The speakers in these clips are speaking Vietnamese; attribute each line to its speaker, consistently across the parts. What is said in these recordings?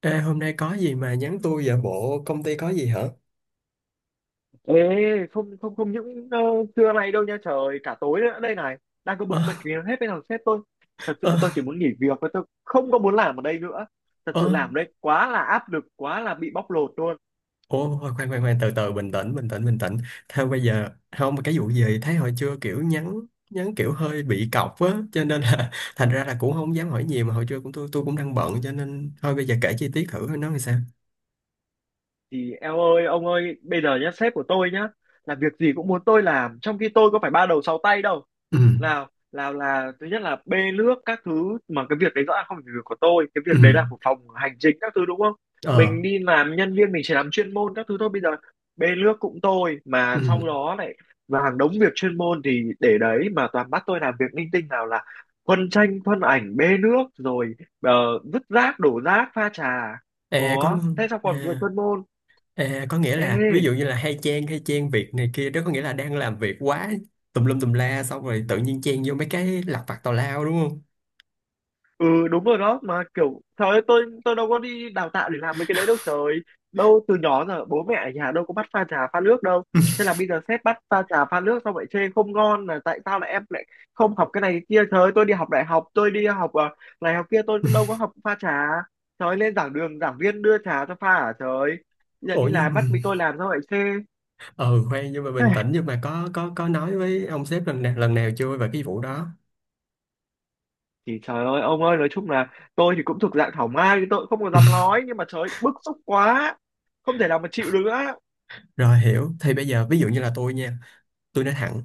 Speaker 1: Ê, hôm nay có gì mà nhắn tôi vậy? Bộ công ty có gì hả?
Speaker 2: Ê, không, không, không những trưa nay đâu nha trời, cả tối nữa đây này, đang có
Speaker 1: Ơ,
Speaker 2: bực mình kìa, hết bên thằng sếp tôi. Thật sự
Speaker 1: ơ,
Speaker 2: là tôi chỉ muốn nghỉ việc và tôi không có muốn làm ở đây nữa. Thật sự
Speaker 1: ơ.
Speaker 2: làm ở đây quá là áp lực, quá là bị bóc lột luôn.
Speaker 1: Ồ, khoan, khoan, khoan, từ từ, bình tĩnh, bình tĩnh, bình tĩnh. Theo bây giờ, không, mà cái vụ gì, thấy hồi trưa kiểu nhắn, kiểu hơi bị cọc á, cho nên là, thành ra là cũng không dám hỏi nhiều, mà hồi trưa cũng tôi cũng đang bận, cho nên, thôi bây giờ kể chi tiết thử, nó làm sao?
Speaker 2: Thì em ơi, ông ơi, bây giờ nhá, sếp của tôi nhá, là việc gì cũng muốn tôi làm, trong khi tôi có phải ba đầu sáu tay đâu.
Speaker 1: Ừ,
Speaker 2: Lào Lào là thứ nhất là bê nước các thứ, mà cái việc đấy rõ ràng không phải việc của tôi, cái
Speaker 1: ừ,
Speaker 2: việc đấy là của phòng hành chính các thứ, đúng không?
Speaker 1: ờ,
Speaker 2: Mình đi làm nhân viên mình chỉ làm chuyên môn các thứ thôi. Bây giờ bê nước cũng tôi, mà sau
Speaker 1: ừ,
Speaker 2: đó lại, và hàng đống việc chuyên môn thì để đấy, mà toàn bắt tôi làm việc linh tinh, nào là khuân tranh khuân ảnh, bê nước rồi ờ, vứt rác, đổ rác, pha trà.
Speaker 1: e có,
Speaker 2: Ủa thế sao
Speaker 1: à.
Speaker 2: còn việc chuyên môn?
Speaker 1: À, có nghĩa là
Speaker 2: Ê,
Speaker 1: ví dụ như là hay chen việc này kia đó, có nghĩa là đang làm việc quá tùm lum tùm la xong rồi tự nhiên chen vô mấy cái lặt vặt tào lao, đúng không?
Speaker 2: ừ đúng rồi đó, mà kiểu trời ơi, tôi đâu có đi đào tạo để làm mấy cái đấy đâu trời. Đâu, từ nhỏ giờ bố mẹ ở nhà đâu có bắt pha trà pha nước đâu. Thế là bây giờ sếp bắt pha trà pha nước xong lại chê không ngon, là tại sao lại em lại không học cái này cái kia. Trời ơi, tôi đi học đại học, tôi đi học này học kia, tôi đâu có học pha trà. Trời ơi, lên giảng đường giảng viên đưa trà cho pha à? Trời ơi. Bây giờ
Speaker 1: Ủa
Speaker 2: đi
Speaker 1: nhưng
Speaker 2: làm
Speaker 1: mà-
Speaker 2: bắt mình tôi làm sao lại chê.
Speaker 1: ừ khoan, nhưng mà bình tĩnh, nhưng mà có nói với ông sếp lần nào chưa về cái vụ đó?
Speaker 2: Thì trời ơi, ông ơi, nói chung là tôi thì cũng thuộc dạng thảo mai, tôi cũng không có dám nói, nhưng mà trời ơi, bức xúc quá, không thể nào mà chịu được nữa.
Speaker 1: Rồi, hiểu. Thì bây giờ ví dụ như là tôi nha, tôi nói thẳng,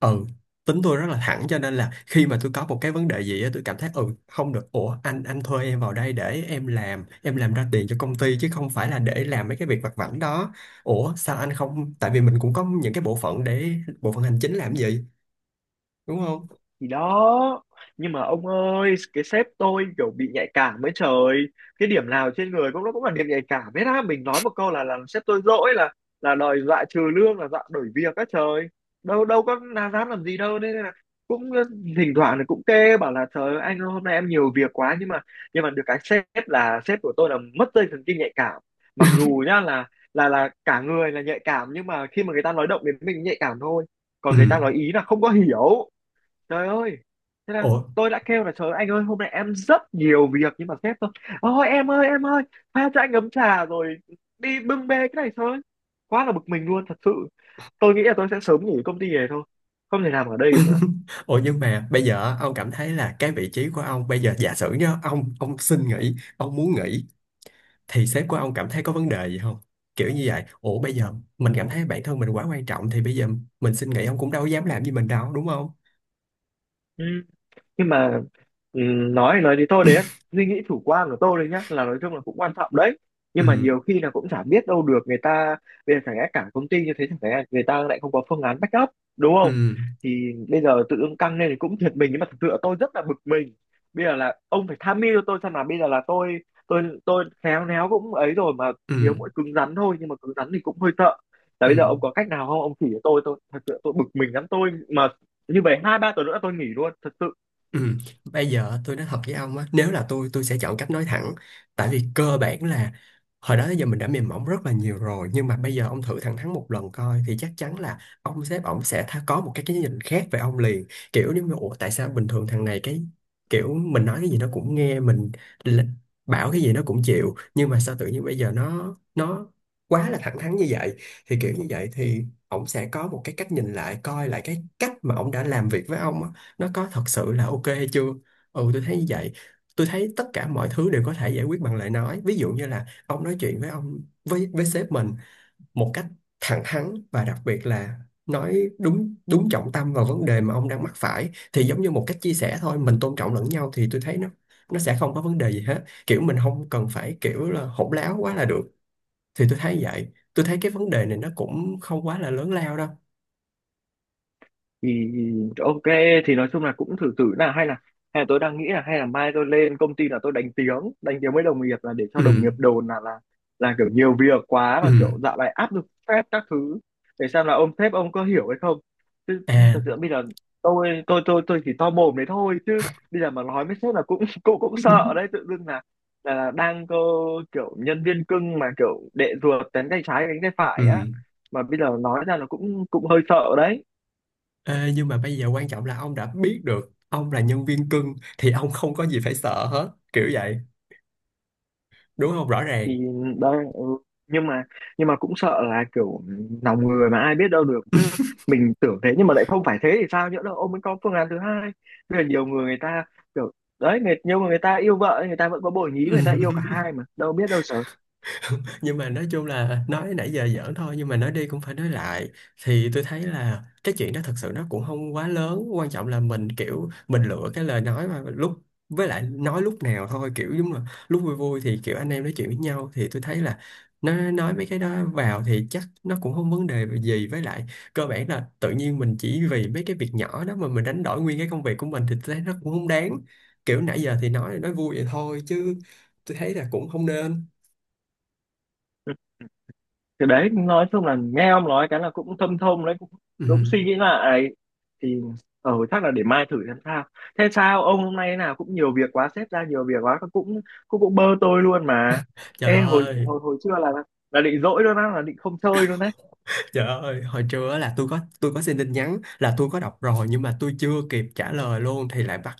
Speaker 1: ừ, tính tôi rất là thẳng, cho nên là khi mà tôi có một cái vấn đề gì á tôi cảm thấy ừ không được. Ủa anh, thuê em vào đây để em làm ra tiền cho công ty, chứ không phải là để làm mấy cái việc vặt vãnh đó. Ủa sao anh không, tại vì mình cũng có những cái bộ phận để, bộ phận hành chính làm gì, đúng không?
Speaker 2: Thì đó, nhưng mà ông ơi, cái sếp tôi kiểu bị nhạy cảm ấy trời. Cái điểm nào trên người cũng nó cũng là điểm nhạy cảm hết á. Mình nói một câu là làm sếp tôi dỗi, là đòi dọa trừ lương, là dọa đổi việc á trời. Đâu đâu có là dám làm gì đâu nên là cũng, thỉnh thoảng thì cũng kê bảo là, trời ơi, anh ơi, hôm nay em nhiều việc quá, nhưng mà được cái sếp là sếp của tôi là mất dây thần kinh nhạy cảm. Mặc dù nhá, là cả người là nhạy cảm, nhưng mà khi mà người ta nói động đến mình nhạy cảm thôi,
Speaker 1: Ừ.
Speaker 2: còn người ta nói ý là không có hiểu. Trời ơi. Thế là
Speaker 1: ủa
Speaker 2: tôi đã kêu là, trời ơi, anh ơi, hôm nay em rất nhiều việc, nhưng mà sếp tôi, ôi em ơi, em ơi, pha cho anh ấm trà rồi đi bưng bê cái này thôi. Quá là bực mình luôn, thật sự. Tôi nghĩ là tôi sẽ sớm nghỉ công ty này thôi, không thể làm ở đây nữa.
Speaker 1: Ủa nhưng mà bây giờ ông cảm thấy là cái vị trí của ông bây giờ, giả sử nhá, ông xin nghỉ, ông muốn nghỉ, thì sếp của ông cảm thấy có vấn đề gì không, kiểu như vậy. Ủa bây giờ mình cảm thấy bản thân mình quá quan trọng thì bây giờ mình xin nghỉ, ông cũng đâu dám làm gì mình đâu, đúng không?
Speaker 2: Ừ. Nhưng mà ừ, nói thì thôi đấy. Suy nghĩ chủ quan của tôi đấy nhá, là nói chung là cũng quan trọng đấy, nhưng mà
Speaker 1: Ừ,
Speaker 2: nhiều khi là cũng chả biết đâu được người ta. Bây giờ chẳng lẽ cả công ty như thế, chẳng lẽ người ta lại không có phương án backup, đúng
Speaker 1: ừ,
Speaker 2: không? Thì bây giờ tự dưng căng lên thì cũng thiệt mình, nhưng mà thực sự là tôi rất là bực mình. Bây giờ là ông phải tham mưu cho tôi xem, là bây giờ là tôi khéo léo cũng ấy rồi mà.
Speaker 1: ừ,
Speaker 2: Thiếu mỗi cứng rắn thôi, nhưng mà cứng rắn thì cũng hơi sợ. Là
Speaker 1: ừ,
Speaker 2: bây giờ ông có cách nào không, ông chỉ cho tôi. Tôi thật sự tôi bực mình lắm. Tôi mà như vậy 2-3 tuần nữa tôi nghỉ luôn, thật sự.
Speaker 1: Ừ. Bây giờ tôi nói thật với ông á, nếu là tôi sẽ chọn cách nói thẳng. Tại vì cơ bản là hồi đó tới giờ mình đã mềm mỏng rất là nhiều rồi, nhưng mà bây giờ ông thử thẳng thắn một lần coi, thì chắc chắn là ông sếp ông sẽ tha, có một cái nhìn khác về ông liền. Kiểu nếu mà ủa tại sao bình thường thằng này, cái kiểu mình nói cái gì nó cũng nghe, mình l- bảo cái gì nó cũng chịu, nhưng mà sao tự nhiên bây giờ nó, quá là thẳng thắn như vậy. Thì kiểu như vậy thì ông sẽ có một cái cách nhìn lại, coi lại cái cách mà ông đã làm việc với ông á, nó có thật sự là ok hay chưa. Ừ, tôi thấy như vậy. Tôi thấy tất cả mọi thứ đều có thể giải quyết bằng lời nói, ví dụ như là ông nói chuyện với ông, với sếp mình một cách thẳng thắn, và đặc biệt là nói đúng đúng trọng tâm vào vấn đề mà ông đang mắc phải, thì giống như một cách chia sẻ thôi, mình tôn trọng lẫn nhau thì tôi thấy nó sẽ không có vấn đề gì hết, kiểu mình không cần phải kiểu là hỗn láo quá là được. Thì tôi thấy vậy, tôi thấy cái vấn đề này nó cũng không quá là lớn lao đâu.
Speaker 2: Thì ok. Thì nói chung là cũng thử thử là hay là tôi đang nghĩ là hay là mai tôi lên công ty là tôi đánh tiếng với đồng nghiệp, là để cho đồng nghiệp
Speaker 1: Ừ,
Speaker 2: đồn là, là kiểu nhiều việc quá,
Speaker 1: ừ,
Speaker 2: mà kiểu dạo này áp lực stress các thứ, để xem là ông sếp ông có hiểu hay không. Chứ ừ, thật
Speaker 1: à.
Speaker 2: sự bây giờ tôi chỉ to mồm đấy thôi, chứ bây giờ mà nói với sếp là cũng cũng cũng sợ đấy. Tự dưng là đang có kiểu nhân viên cưng, mà kiểu đệ ruột, đánh tay trái đánh tay phải á,
Speaker 1: Ừ.
Speaker 2: mà bây giờ nói ra là cũng cũng hơi sợ đấy.
Speaker 1: Ê, nhưng mà bây giờ quan trọng là ông đã biết được ông là nhân viên cưng thì ông không có gì phải sợ hết, kiểu vậy, đúng không, rõ ràng.
Speaker 2: Thì đây ừ. nhưng mà nhưng mà cũng sợ là kiểu lòng người mà ai biết đâu được. Cứ mình tưởng thế nhưng mà lại không phải thế thì sao? Nhỡ đâu ông ấy có phương án thứ hai. Bây giờ nhiều người, người ta kiểu đấy người, nhưng mà người ta yêu vợ, người ta vẫn có bồ nhí, người ta yêu cả hai, mà đâu biết đâu sợ. Ừ.
Speaker 1: Nhưng mà nói chung là nói nãy giờ giỡn thôi, nhưng mà nói đi cũng phải nói lại, thì tôi thấy là cái chuyện đó thật sự nó cũng không quá lớn, quan trọng là mình kiểu mình lựa cái lời nói mà lúc, với lại nói lúc nào thôi, kiểu giống là lúc vui vui thì kiểu anh em nói chuyện với nhau thì tôi thấy là nó, nói mấy cái đó vào thì chắc nó cũng không vấn đề gì. Với lại cơ bản là tự nhiên mình chỉ vì mấy cái việc nhỏ đó mà mình đánh đổi nguyên cái công việc của mình thì tôi thấy nó cũng không đáng, kiểu nãy giờ thì nói vui vậy thôi chứ tôi thấy là cũng không nên.
Speaker 2: Thì đấy, nói chung là nghe ông nói cái là cũng thâm thông đấy,
Speaker 1: Ừ.
Speaker 2: cũng suy nghĩ lại. Thì chắc là để mai thử xem sao. Thế sao ông hôm nay thế nào? Cũng nhiều việc quá, sếp ra nhiều việc quá, cũng cũng cũng bơ tôi luôn mà.
Speaker 1: Trời
Speaker 2: Ê, hồi
Speaker 1: ơi,
Speaker 2: hồi hồi trưa là định dỗi luôn á, là định không chơi luôn đấy.
Speaker 1: Trời ơi, hồi trưa á là tôi có xin tin nhắn, là tôi có đọc rồi nhưng mà tôi chưa kịp trả lời luôn, thì lại bắt,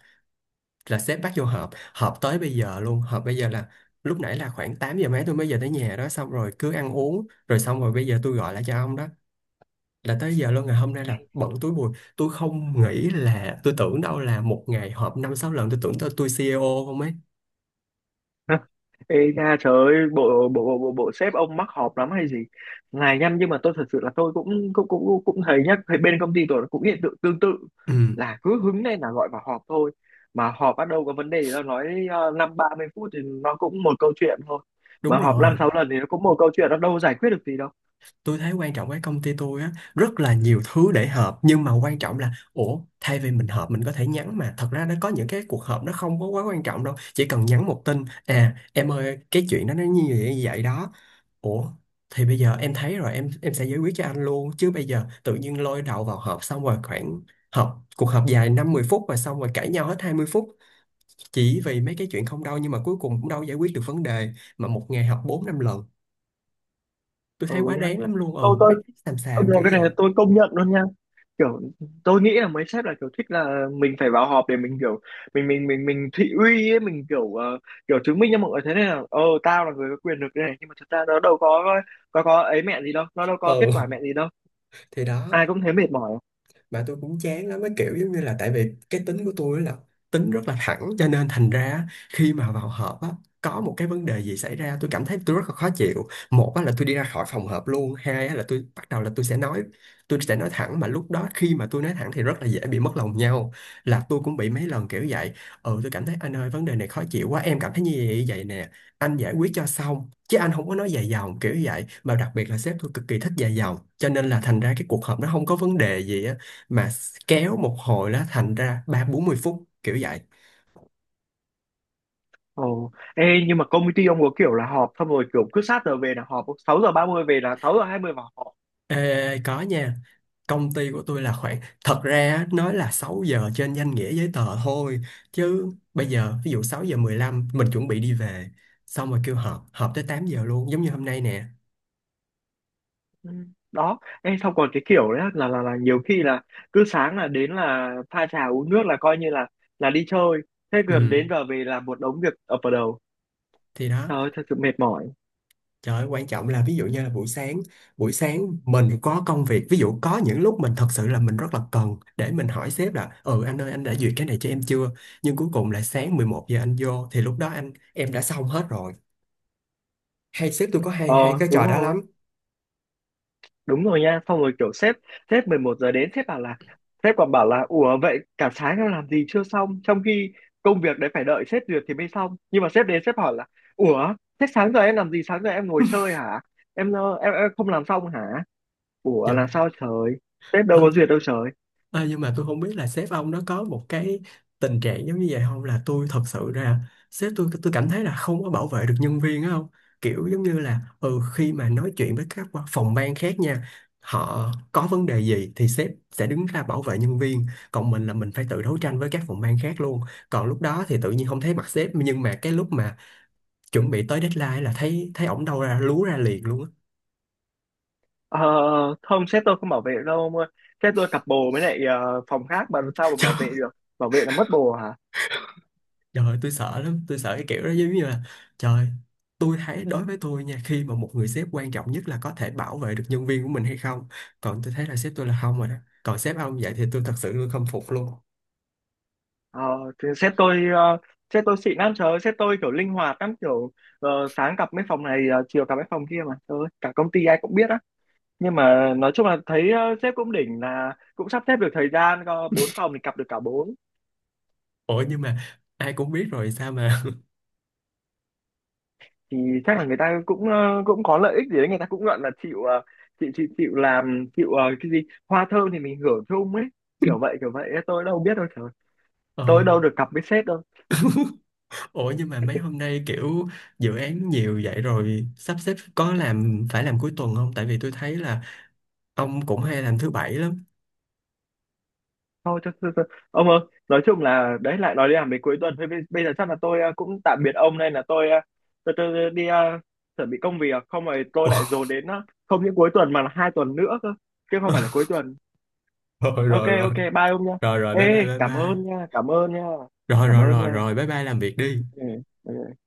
Speaker 1: là sếp bắt vô họp, họp tới bây giờ luôn, họp bây giờ là lúc nãy là khoảng 8 giờ mấy tôi mới về tới nhà đó, xong rồi cứ ăn uống rồi, xong rồi bây giờ tôi gọi lại cho ông đó, là tới giờ luôn. Ngày hôm nay là bận túi bụi, tôi không nghĩ là, tôi tưởng đâu là một ngày họp năm sáu lần, tôi tưởng tôi CEO không ấy.
Speaker 2: Ê nha, trời ơi, bộ bộ bộ bộ sếp ông mắc họp lắm hay gì? Này nhăm, nhưng mà tôi thật sự là tôi cũng cũng cũng cũng thấy nhá, thấy bên công ty tôi cũng hiện tượng tương tự,
Speaker 1: Ừ
Speaker 2: là cứ hứng lên là gọi vào họp thôi. Mà họp bắt đầu có vấn đề thì nó nói 5-30 phút thì nó cũng một câu chuyện thôi,
Speaker 1: đúng
Speaker 2: mà họp
Speaker 1: rồi.
Speaker 2: 5-6 lần thì nó cũng một câu chuyện, nó đâu giải quyết được gì đâu.
Speaker 1: Tôi thấy quan trọng cái công ty tôi á rất là nhiều thứ để họp, nhưng mà quan trọng là ủa thay vì mình họp mình có thể nhắn, mà thật ra nó có những cái cuộc họp nó không có quá quan trọng đâu, chỉ cần nhắn một tin à em ơi cái chuyện đó nó như vậy đó, ủa thì bây giờ em thấy rồi, em sẽ giải quyết cho anh luôn, chứ bây giờ tự nhiên lôi đầu vào họp, xong rồi khoảng, cuộc họp dài năm mười phút và xong rồi cãi nhau hết 20 phút, chỉ vì mấy cái chuyện không đâu nhưng mà cuối cùng cũng đâu giải quyết được vấn đề, mà một ngày họp 4 5 lần, tôi
Speaker 2: Ừ
Speaker 1: thấy quá
Speaker 2: nhá,
Speaker 1: đáng lắm luôn. Ừ
Speaker 2: tôi
Speaker 1: mấy
Speaker 2: tôi
Speaker 1: cái xàm
Speaker 2: ông
Speaker 1: xàm
Speaker 2: được,
Speaker 1: kiểu
Speaker 2: cái này là
Speaker 1: vậy.
Speaker 2: tôi công nhận luôn nha. Kiểu tôi nghĩ là mấy sếp là kiểu thích là mình phải vào họp để mình kiểu mình thị uy ấy, mình kiểu kiểu chứng minh cho mọi người thế này là, ờ tao là người có quyền lực đây này. Nhưng mà thật ra nó đâu có ấy mẹ gì đâu, nó đâu có kết
Speaker 1: Ừ
Speaker 2: quả mẹ gì đâu.
Speaker 1: thì đó.
Speaker 2: Ai cũng thấy mệt mỏi.
Speaker 1: Mà tôi cũng chán lắm cái kiểu, giống như là tại vì cái tính của tôi là tính rất là thẳng, cho nên thành ra khi mà vào họp á có một cái vấn đề gì xảy ra tôi cảm thấy tôi rất là khó chịu, một á là tôi đi ra khỏi phòng họp luôn, hai á là tôi bắt đầu là tôi sẽ nói thẳng, mà lúc đó khi mà tôi nói thẳng thì rất là dễ bị mất lòng nhau, là tôi cũng bị mấy lần kiểu vậy. Ừ tôi cảm thấy anh ơi vấn đề này khó chịu quá em cảm thấy như vậy vậy nè, anh giải quyết cho xong chứ anh không có nói dài dòng kiểu vậy, mà đặc biệt là sếp tôi cực kỳ thích dài dòng, cho nên là thành ra cái cuộc họp nó không có vấn đề gì á mà kéo một hồi nó thành ra ba bốn mươi phút kiểu vậy.
Speaker 2: Ồ ê, nhưng mà công ty ông có kiểu là họp xong rồi, kiểu cứ sát giờ về là họp, 6 giờ 30 về là 6 giờ 20 vào họp.
Speaker 1: Ê, có nha, công ty của tôi là khoảng, thật ra á, nói là 6 giờ trên danh nghĩa giấy tờ thôi, chứ bây giờ ví dụ 6:15 mình chuẩn bị đi về, xong rồi kêu họp, họp tới 8 giờ luôn, giống như hôm nay nè.
Speaker 2: Ừ. Đó em, xong còn cái kiểu đấy là là nhiều khi là cứ sáng là đến là pha trà uống nước là coi như là đi chơi. Thế gần
Speaker 1: Ừ
Speaker 2: đến giờ về là một đống việc ập vào đầu.
Speaker 1: thì đó.
Speaker 2: Trời ơi, thật sự mệt mỏi.
Speaker 1: Trời ơi, quan trọng là ví dụ như là buổi sáng mình có công việc, ví dụ có những lúc mình thật sự là mình rất là cần để mình hỏi sếp là ừ anh ơi anh đã duyệt cái này cho em chưa? Nhưng cuối cùng là sáng 11 giờ anh vô thì lúc đó anh em đã xong hết rồi. Hay sếp tôi có hay,
Speaker 2: Ờ,
Speaker 1: cái
Speaker 2: đúng
Speaker 1: trò đó
Speaker 2: rồi,
Speaker 1: lắm.
Speaker 2: đúng rồi nha. Xong rồi kiểu sếp sếp 11 giờ đến, sếp bảo là, sếp còn bảo là, ủa vậy cả sáng em làm gì chưa xong, trong khi công việc đấy phải đợi sếp duyệt thì mới xong, nhưng mà sếp đến sếp hỏi là, ủa thế sáng giờ em làm gì, sáng giờ em ngồi chơi hả, em, em không làm xong hả? Ủa
Speaker 1: Trời.
Speaker 2: là sao trời, sếp đâu có duyệt đâu trời.
Speaker 1: Ờ, nhưng mà tôi không biết là sếp ông nó có một cái tình trạng giống như vậy không, là tôi thật sự ra sếp tôi cảm thấy là không có bảo vệ được nhân viên á, không kiểu giống như là ừ khi mà nói chuyện với các phòng ban khác nha, họ có vấn đề gì thì sếp sẽ đứng ra bảo vệ nhân viên, còn mình là mình phải tự đấu tranh với các phòng ban khác luôn, còn lúc đó thì tự nhiên không thấy mặt sếp, nhưng mà cái lúc mà chuẩn bị tới deadline là thấy thấy ổng đâu ra lú ra liền luôn á.
Speaker 2: Ờ, không, sếp tôi không bảo vệ đâu ông ơi. Sếp tôi cặp bồ với lại phòng khác mà làm sao mà bảo vệ được. Bảo vệ là mất bồ hả?
Speaker 1: Trời ơi, tôi sợ lắm, tôi sợ cái kiểu đó giống như là, trời, tôi thấy đối với tôi nha, khi mà một người sếp quan trọng nhất là có thể bảo vệ được nhân viên của mình hay không. Còn tôi thấy là sếp tôi là không rồi đó. Còn sếp ông vậy thì tôi thật sự tôi không phục luôn.
Speaker 2: ờ, thì sếp tôi, sếp tôi xịn lắm. Trời ơi, sếp tôi kiểu linh hoạt lắm, kiểu sáng cặp mấy phòng này, chiều cặp mấy phòng kia. Mà trời ơi, cả công ty ai cũng biết á. Nhưng mà nói chung là thấy, sếp cũng đỉnh là cũng sắp xếp được thời gian, có bốn phòng thì cặp được cả bốn.
Speaker 1: Ủa nhưng mà ai cũng biết rồi sao mà.
Speaker 2: Thì chắc là người ta cũng, cũng có lợi ích gì đấy, người ta cũng gọi là chịu, chịu làm, chịu cái gì, hoa thơm thì mình hưởng chung ấy. Kiểu vậy kiểu vậy, tôi đâu biết đâu. Trời ơi,
Speaker 1: Ờ,
Speaker 2: tôi đâu được cặp với sếp đâu.
Speaker 1: ủa nhưng mà mấy hôm nay kiểu dự án nhiều vậy rồi sắp xếp có làm, phải làm cuối tuần không? Tại vì tôi thấy là ông cũng hay làm thứ bảy lắm.
Speaker 2: Thôi cho, cho. Ông ơi, nói chung là đấy lại nói đi làm về cuối tuần. Thôi bây giờ chắc là tôi, cũng tạm biệt ông, nên là tôi, tôi đi chuẩn bị công việc không rồi tôi lại
Speaker 1: Ủa,
Speaker 2: dồn đến, không những cuối tuần mà là 2 tuần nữa cơ, chứ không phải là cuối tuần.
Speaker 1: rồi
Speaker 2: Ok,
Speaker 1: rồi rồi,
Speaker 2: ok, bye ông nha.
Speaker 1: rồi rồi
Speaker 2: Ê,
Speaker 1: bye bye bye
Speaker 2: cảm
Speaker 1: bye.
Speaker 2: ơn nha, cảm ơn nha,
Speaker 1: Rồi
Speaker 2: cảm
Speaker 1: rồi
Speaker 2: ơn
Speaker 1: rồi
Speaker 2: nha.
Speaker 1: rồi bye bye làm việc đi.
Speaker 2: Ừ. Ừ.